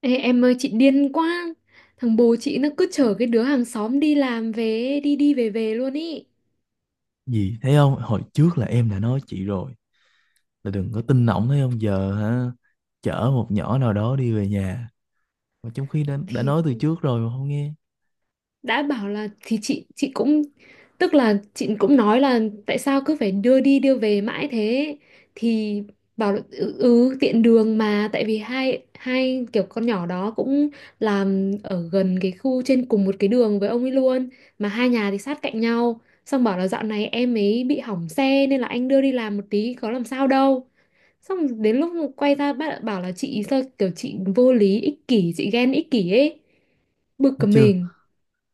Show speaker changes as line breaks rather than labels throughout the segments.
Ê, em ơi, chị điên quá. Thằng bố chị nó cứ chở cái đứa hàng xóm đi làm về, đi đi về về luôn ý.
Gì thấy không? Hồi trước là em đã nói chị rồi, là đừng có tin ổng, thấy không? Giờ hả, chở một nhỏ nào đó đi về nhà, mà trong khi đã
Thì
nói từ trước rồi mà không nghe.
đã bảo là, thì chị cũng, tức là chị cũng nói là tại sao cứ phải đưa đi đưa về mãi thế. Thì bảo là, ừ, tiện đường mà. Tại vì hai hai kiểu con nhỏ đó cũng làm ở gần cái khu, trên cùng một cái đường với ông ấy luôn. Mà hai nhà thì sát cạnh nhau. Xong bảo là dạo này em ấy bị hỏng xe, nên là anh đưa đi làm một tí có làm sao đâu. Xong đến lúc quay ra bác bảo là chị sao kiểu chị vô lý, ích kỷ, chị ghen ích kỷ ấy. Bực
Thấy
cả
chưa?
mình.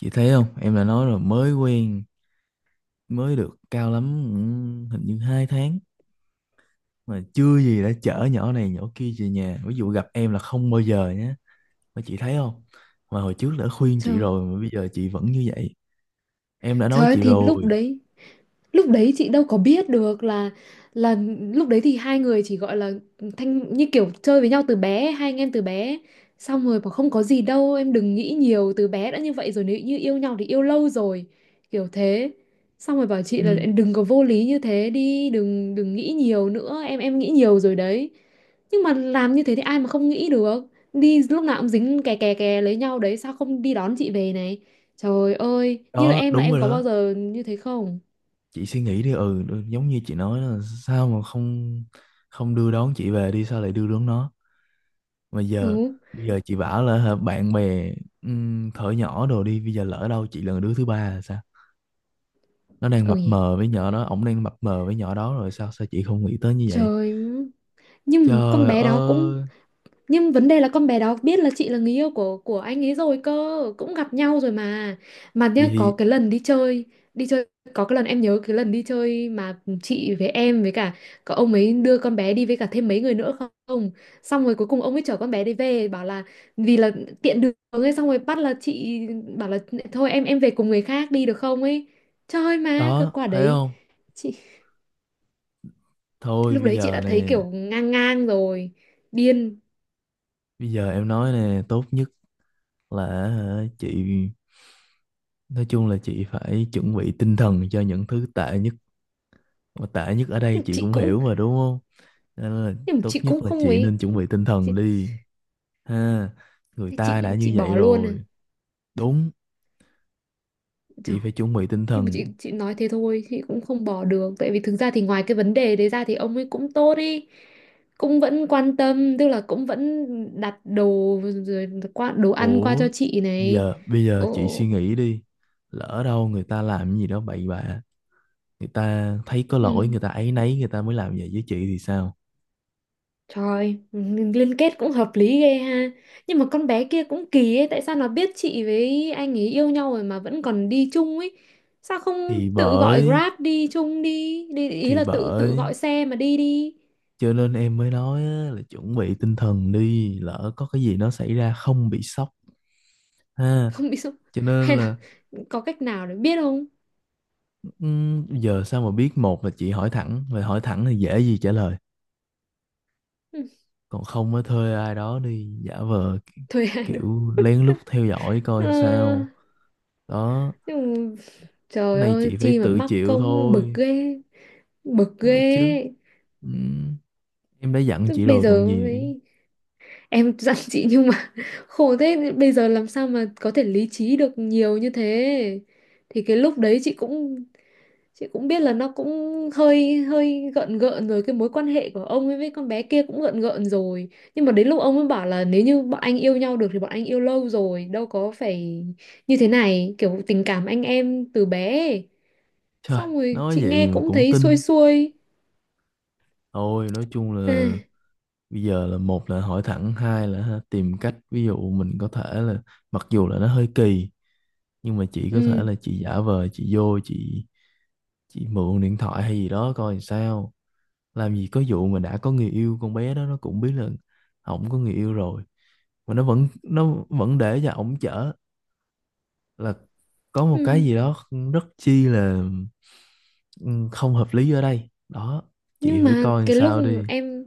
Chị thấy không, em đã nói rồi, mới quen, mới được cao lắm. Ừ, hình như hai tháng mà chưa gì đã chở nhỏ này nhỏ kia về nhà. Ví dụ gặp em là không bao giờ nhé. Mà chị thấy không, mà hồi trước đã khuyên chị
Trời,
rồi mà bây giờ chị vẫn như vậy. Em đã
trời
nói
ơi,
chị
thì lúc
rồi.
đấy, lúc đấy chị đâu có biết được là lúc đấy thì hai người chỉ gọi là thanh như kiểu chơi với nhau từ bé, hai anh em từ bé. Xong rồi bảo không có gì đâu em, đừng nghĩ nhiều, từ bé đã như vậy rồi, nếu như yêu nhau thì yêu lâu rồi, kiểu thế. Xong rồi bảo chị là
Ừ.
đừng có vô lý như thế đi, đừng đừng nghĩ nhiều nữa em nghĩ nhiều rồi đấy. Nhưng mà làm như thế thì ai mà không nghĩ được, đi lúc nào cũng dính kè kè kè lấy nhau đấy, sao không đi đón chị về này. Trời ơi, như là
Đó
em, là
đúng
em
rồi
có bao
đó,
giờ như thế không.
chị suy nghĩ đi. Ừ, Giống như chị nói là sao mà không, không đưa đón chị về, đi sao lại đưa đón nó? Mà giờ,
Ừ.
bây giờ chị bảo là hả, bạn bè. Thở nhỏ đồ đi, bây giờ lỡ đâu chị là đứa thứ ba là sao? Nó đang mập
Ôi
mờ với nhỏ đó, ổng đang mập mờ với nhỏ đó rồi, sao sao chị không nghĩ tới như vậy?
trời. Nhưng mà con
Trời
bé đó cũng,
ơi!
nhưng vấn đề là con bé đó biết là chị là người yêu của anh ấy rồi cơ, cũng gặp nhau rồi mà. Mà
Vậy
nhá, có
thì
cái lần đi chơi, đi chơi, có cái lần em nhớ cái lần đi chơi mà chị với em với cả, có ông ấy đưa con bé đi với cả thêm mấy người nữa không. Xong rồi cuối cùng ông ấy chở con bé đi về, bảo là vì là tiện đường ấy. Xong rồi bắt là chị, bảo là thôi em, về cùng người khác đi được không ấy. Trời, mà cái
đó,
quả
thấy
đấy
không?
chị
Thôi
lúc
bây
đấy chị
giờ
đã thấy
nè,
kiểu ngang ngang rồi. Điên.
bây giờ em nói nè, tốt nhất là hả, chị, nói chung là chị phải chuẩn bị tinh thần cho những thứ tệ nhất, mà tệ nhất ở đây
Nhưng mà
chị
chị
cũng
cũng,
hiểu mà đúng không? Nên là
nhưng mà
tốt
chị
nhất
cũng
là
không
chị
ấy.
nên chuẩn bị tinh
Chị,
thần đi, ha, người
thế
ta
chị
đã như
chị
vậy
bỏ luôn à?
rồi. Đúng,
Trời,
chị phải chuẩn bị tinh
nhưng mà
thần.
chị nói thế thôi, chị cũng không bỏ được, tại vì thực ra thì ngoài cái vấn đề đấy ra thì ông ấy cũng tốt đi, cũng vẫn quan tâm, tức là cũng vẫn đặt đồ, rồi qua đồ ăn qua cho
Ủa
chị này.
giờ, bây giờ chị suy
Ồ,
nghĩ đi, lỡ đâu người ta làm gì đó bậy bạ, người ta thấy có
ừ.
lỗi, người ta áy náy, người ta mới làm vậy với chị thì sao?
Trời, liên kết cũng hợp lý ghê ha. Nhưng mà con bé kia cũng kỳ ấy, tại sao nó biết chị với anh ấy yêu nhau rồi mà vẫn còn đi chung ấy? Sao không
thì
tự gọi
bởi
Grab đi chung đi, đi ý
thì
là tự tự
bởi
gọi xe mà đi đi.
cho nên em mới nói á, là chuẩn bị tinh thần đi, lỡ có cái gì nó xảy ra không bị sốc, ha.
Không biết sao.
Cho
Hay
nên
là
là
có cách nào để biết không?
ừm, giờ sao mà biết, một là chị hỏi thẳng, và hỏi thẳng thì dễ gì trả lời,
Ừ.
còn không mới thuê ai đó đi giả vờ
Thuê ai được.
kiểu lén lút theo dõi
Ờ,
coi sao. Đó,
nhưng mà,
cái
trời
này
ơi,
chị phải
chi mà
tự
mắc
chịu
công bực
thôi,
ghê, bực
nói chứ
ghê.
ừm, em đã dặn
Tức,
chị
bây
rồi
giờ
còn gì nữa.
ấy, em dặn chị nhưng mà khổ thế, bây giờ làm sao mà có thể lý trí được nhiều như thế. Thì cái lúc đấy chị cũng, chị cũng biết là nó cũng hơi hơi gợn gợn rồi, cái mối quan hệ của ông ấy với con bé kia cũng gợn gợn rồi. Nhưng mà đến lúc ông ấy bảo là nếu như bọn anh yêu nhau được thì bọn anh yêu lâu rồi, đâu có phải như thế này, kiểu tình cảm anh em từ bé ấy.
Trời,
Xong rồi
nói
chị
vậy
nghe
mà
cũng
cũng
thấy xuôi
tin.
xuôi.
Thôi nói chung
À,
là bây giờ là một là hỏi thẳng, hai là ha, tìm cách, ví dụ mình có thể là, mặc dù là nó hơi kỳ, nhưng mà chị có thể
ừ,
là chị giả vờ chị vô, chị mượn điện thoại hay gì đó coi làm sao. Làm gì có vụ mà đã có người yêu, con bé đó nó cũng biết là ổng có người yêu rồi mà nó vẫn để cho ổng chở, là có một cái
ừ.
gì đó rất chi là ừ, không hợp lý ở đây đó. Chị
Nhưng
phải
mà
coi làm
cái lúc
sao đi.
em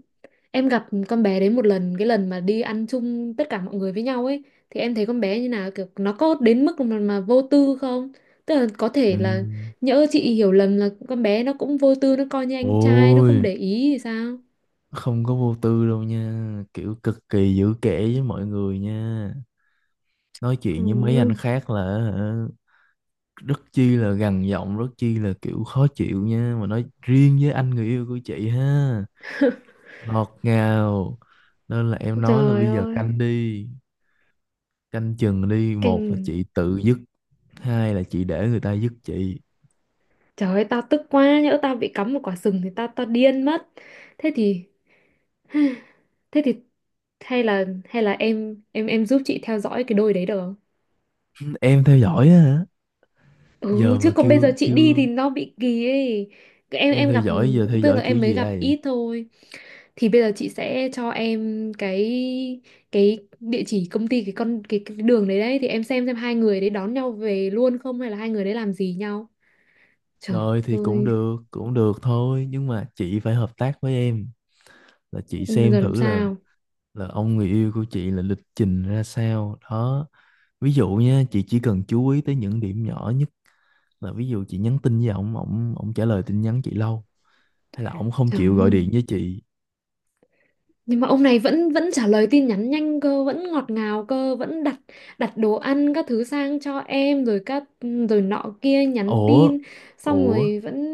em gặp con bé đấy một lần, cái lần mà đi ăn chung tất cả mọi người với nhau ấy, thì em thấy con bé như nào, kiểu nó có đến mức mà vô tư không, tức là có thể là
Em
nhỡ chị hiểu lầm là con bé nó cũng vô tư, nó coi như anh trai, nó
ôi,
không để ý thì sao.
không có vô tư đâu nha, kiểu cực kỳ giữ kẽ với mọi người nha, nói
Ừ,
chuyện với mấy anh khác là hả, rất chi là gằn giọng, rất chi là kiểu khó chịu nha, mà nói riêng với anh người yêu của chị ha, ngọt ngào. Nên là em nói là
trời
bây giờ
ơi,
canh đi, canh chừng đi, một là chị
kinh.
tự dứt, hai là chị để người ta dứt chị.
Trời ơi, tao tức quá, nhỡ tao bị cắm một quả sừng thì tao tao điên mất. Thế thì, thế thì hay là, hay là em giúp chị theo dõi cái đôi đấy được không.
Em theo dõi á hả? Giờ
Ừ,
mà
chứ còn bây giờ
kêu
chị đi thì
kêu
nó bị kỳ ấy. Cái, Em
em
em
theo
gặp,
dõi, giờ theo
tức
dõi
là
kiểu
em mới
gì
gặp
đây?
ít thôi. Thì bây giờ chị sẽ cho em cái địa chỉ công ty, cái con cái đường đấy đấy, thì em xem hai người đấy đón nhau về luôn không hay là hai người đấy làm gì nhau. Trời
Rồi thì cũng
ơi,
được, cũng được thôi, nhưng mà chị phải hợp tác với em, là chị xem
giờ làm
thử là
sao?
là ông người yêu của chị là lịch trình ra sao đó. Ví dụ nha, chị chỉ cần chú ý tới những điểm nhỏ nhất, là ví dụ chị nhắn tin với ổng, ổng trả lời tin nhắn chị lâu, hay là ổng không
Trời
chịu gọi
ơi.
điện với chị.
Nhưng mà ông này vẫn vẫn trả lời tin nhắn nhanh cơ, vẫn ngọt ngào cơ, vẫn đặt, đặt đồ ăn các thứ sang cho em, rồi các, rồi nọ kia nhắn
Ủa.
tin, xong
Ủa.
rồi vẫn,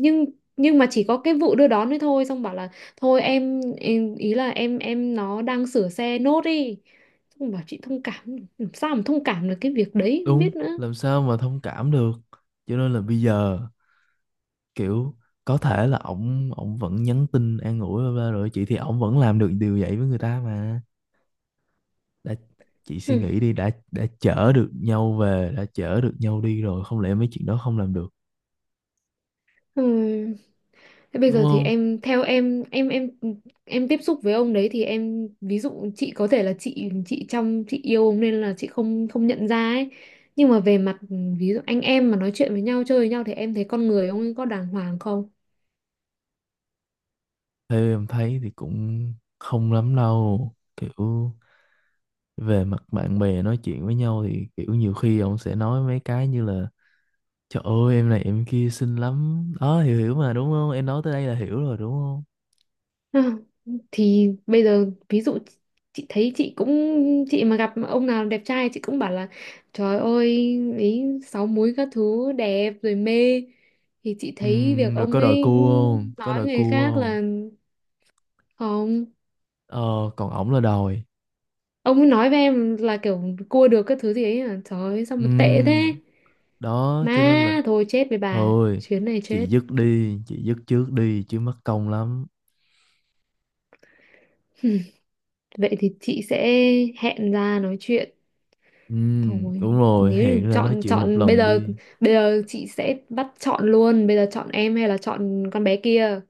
nhưng nhưng mà chỉ có cái vụ đưa đón ấy thôi, xong bảo là thôi em ý là em nó đang sửa xe nốt đi, xong bảo chị thông cảm. Làm sao mà thông cảm được cái việc đấy, không
Đúng,
biết nữa.
làm sao mà thông cảm được. Cho nên là bây giờ kiểu có thể là ổng ổng vẫn nhắn tin an ủi bla bla rồi chị, thì ổng vẫn làm được điều vậy với người ta mà. Đã, chị suy
Ừ.
nghĩ đi, đã chở được nhau về, đã chở được nhau đi rồi, không lẽ mấy chuyện đó không làm được?
Ừ. Thế bây
Đúng
giờ thì
không?
em theo em, em tiếp xúc với ông đấy thì em, ví dụ chị có thể là chị trong chị yêu ông nên là chị không không nhận ra ấy. Nhưng mà về mặt, ví dụ anh em mà nói chuyện với nhau, chơi với nhau, thì em thấy con người ông ấy có đàng hoàng không?
Theo em thấy thì cũng không lắm đâu. Kiểu về mặt bạn bè nói chuyện với nhau thì kiểu nhiều khi ông sẽ nói mấy cái như là, trời ơi em này em kia xinh lắm. Đó, hiểu hiểu mà đúng không? Em nói tới đây là hiểu rồi đúng không?
À, thì bây giờ ví dụ chị thấy chị cũng, chị mà gặp ông nào đẹp trai chị cũng bảo là trời ơi ý, sáu múi các thứ đẹp rồi mê, thì chị thấy việc
Rồi
ông
có đòi
ấy
cua không? Có
nói
đòi
người
cua
khác
không?
là không.
Ờ, còn ổng là đòi.
Ông ấy nói với em là kiểu cua được cái thứ gì ấy à, trời ơi sao mà tệ thế.
Ừm, đó cho nên là
Má, thôi chết với bà,
thôi
chuyến này chết.
chị dứt đi, chị dứt trước đi chứ mất công lắm.
Vậy thì chị sẽ hẹn ra nói chuyện, thôi
Đúng rồi,
nếu như
hẹn ra nói
chọn
chuyện một
chọn bây
lần
giờ,
đi.
bây giờ chị sẽ bắt chọn luôn, bây giờ chọn em hay là chọn con bé kia,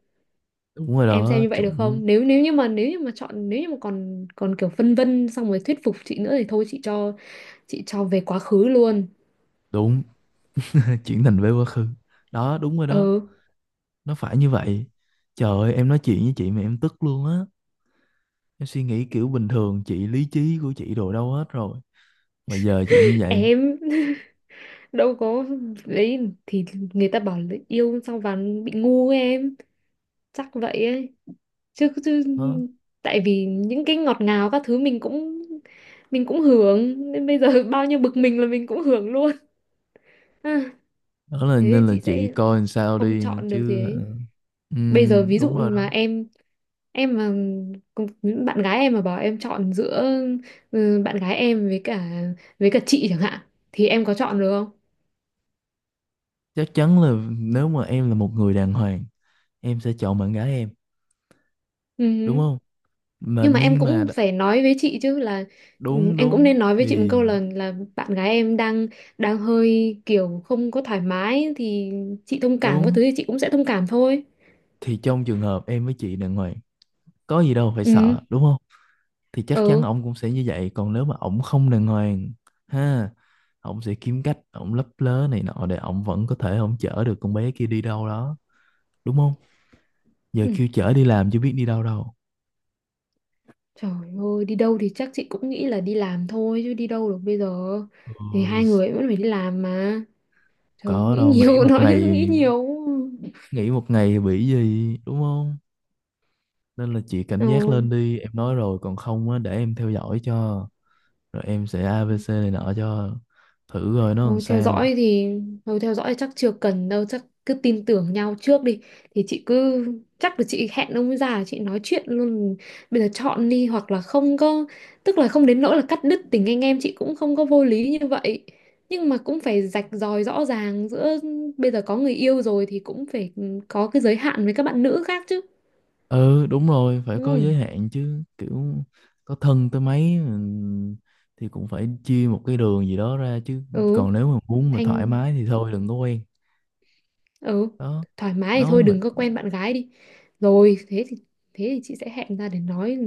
Đúng rồi
em xem
đó,
như vậy được
chuẩn.
không. Nếu, nếu như mà chọn, nếu như mà còn, còn kiểu phân vân xong rồi thuyết phục chị nữa thì thôi chị chị cho về quá khứ luôn.
Đúng, chuyển tình về quá khứ. Đó đúng rồi đó,
Ừ.
nó phải như vậy. Trời ơi em nói chuyện với chị mà em tức luôn á. Em suy nghĩ kiểu bình thường, chị lý trí của chị đồ đâu hết rồi, mà giờ chị như vậy.
Em đâu có đấy, thì người ta bảo là yêu xong vào bị ngu ấy em, chắc vậy ấy chứ, chứ
Đó,
tại vì những cái ngọt ngào các thứ mình cũng, mình cũng hưởng, nên bây giờ bao nhiêu bực mình là mình cũng hưởng luôn. À,
đó là
thế thì
nên là
chị
chị
sẽ
coi làm sao
không
đi
chọn được gì
chứ hả?
ấy, bây giờ ví dụ
Đúng rồi đó.
mà em mà cùng-, bạn gái em mà bảo em chọn giữa, ừ, bạn gái em với cả, với cả chị chẳng hạn, thì em có chọn được không.
Chắc chắn là nếu mà em là một người đàng hoàng, em sẽ chọn bạn gái em, đúng
Ừ.
không? Mà
Nhưng mà em
nhưng mà
cũng
đ-
phải nói với chị chứ, là, ừ,
Đúng,
em cũng
đúng
nên nói với chị một
thì,
câu là bạn gái em đang, đang hơi kiểu không có thoải mái, thì chị thông cảm, có
đúng
thứ thì chị cũng sẽ thông cảm thôi.
thì trong trường hợp em với chị đàng hoàng, có gì đâu phải
Ừ.
sợ, đúng không? Thì chắc chắn
Ừ.
ổng cũng sẽ như vậy, còn nếu mà ổng không đàng hoàng ha, ổng sẽ kiếm cách, ổng lấp lớ này nọ để ổng vẫn có thể ổng chở được con bé kia đi đâu đó, đúng không? Giờ
Ừ,
kêu chở đi làm chứ biết đi đâu đâu.
trời ơi, đi đâu thì chắc chị cũng nghĩ là đi làm thôi chứ đi đâu được bây giờ, thì
Ôi,
hai người vẫn phải đi làm mà. Trời ơi,
có
nghĩ
đâu, nghỉ
nhiều
một
nói
ngày,
nghĩ nhiều.
nghỉ một ngày bị gì đúng không? Nên là chị cảnh giác lên đi, em nói rồi, còn không á để em theo dõi cho, rồi em sẽ
Ừ.
ABC này nọ cho thử rồi nó làm
Thôi theo
sao.
dõi thì, thôi theo dõi chắc chưa cần đâu, chắc cứ tin tưởng nhau trước đi. Thì chị cứ, chắc là chị hẹn ông ấy ra chị nói chuyện luôn, bây giờ chọn đi, hoặc là không có, tức là không đến nỗi là cắt đứt tình anh em, chị cũng không có vô lý như vậy, nhưng mà cũng phải rạch ròi rõ ràng giữa, bây giờ có người yêu rồi thì cũng phải có cái giới hạn với các bạn nữ khác chứ.
Ừ đúng rồi, phải có giới
Ừ.
hạn chứ, kiểu có thân tới mấy thì cũng phải chia một cái đường gì đó ra chứ.
Ừ.
Còn nếu mà muốn mà thoải
Thanh,
mái thì thôi đừng có quen.
ừ,
Đó,
thoải mái thì
nói
thôi
mà.
đừng có quen bạn gái đi. Rồi thế thì, thế thì chị sẽ hẹn ra để nói,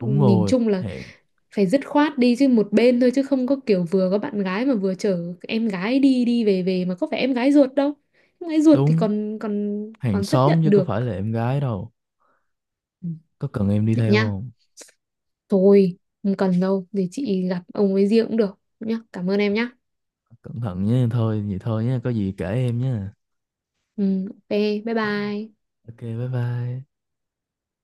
Đúng
nhìn
rồi,
chung là
hẹn.
phải dứt khoát đi chứ, một bên thôi chứ không có kiểu vừa có bạn gái mà vừa chở em gái đi đi về về, mà có phải em gái ruột đâu, em gái ruột thì
Đúng.
còn còn
Hàng
còn chấp nhận
xóm chứ có
được.
phải là em gái đâu.
Ừ,
Có cần em đi
vậy
theo
nhá,
không?
thôi không cần đâu, để chị gặp ông ấy riêng cũng được nhá, cảm ơn em nhá.
Cẩn thận nhé, thôi vậy thôi nhé, có gì kể em nhé.
Ừ, ok, bye bye.
OK, bye bye.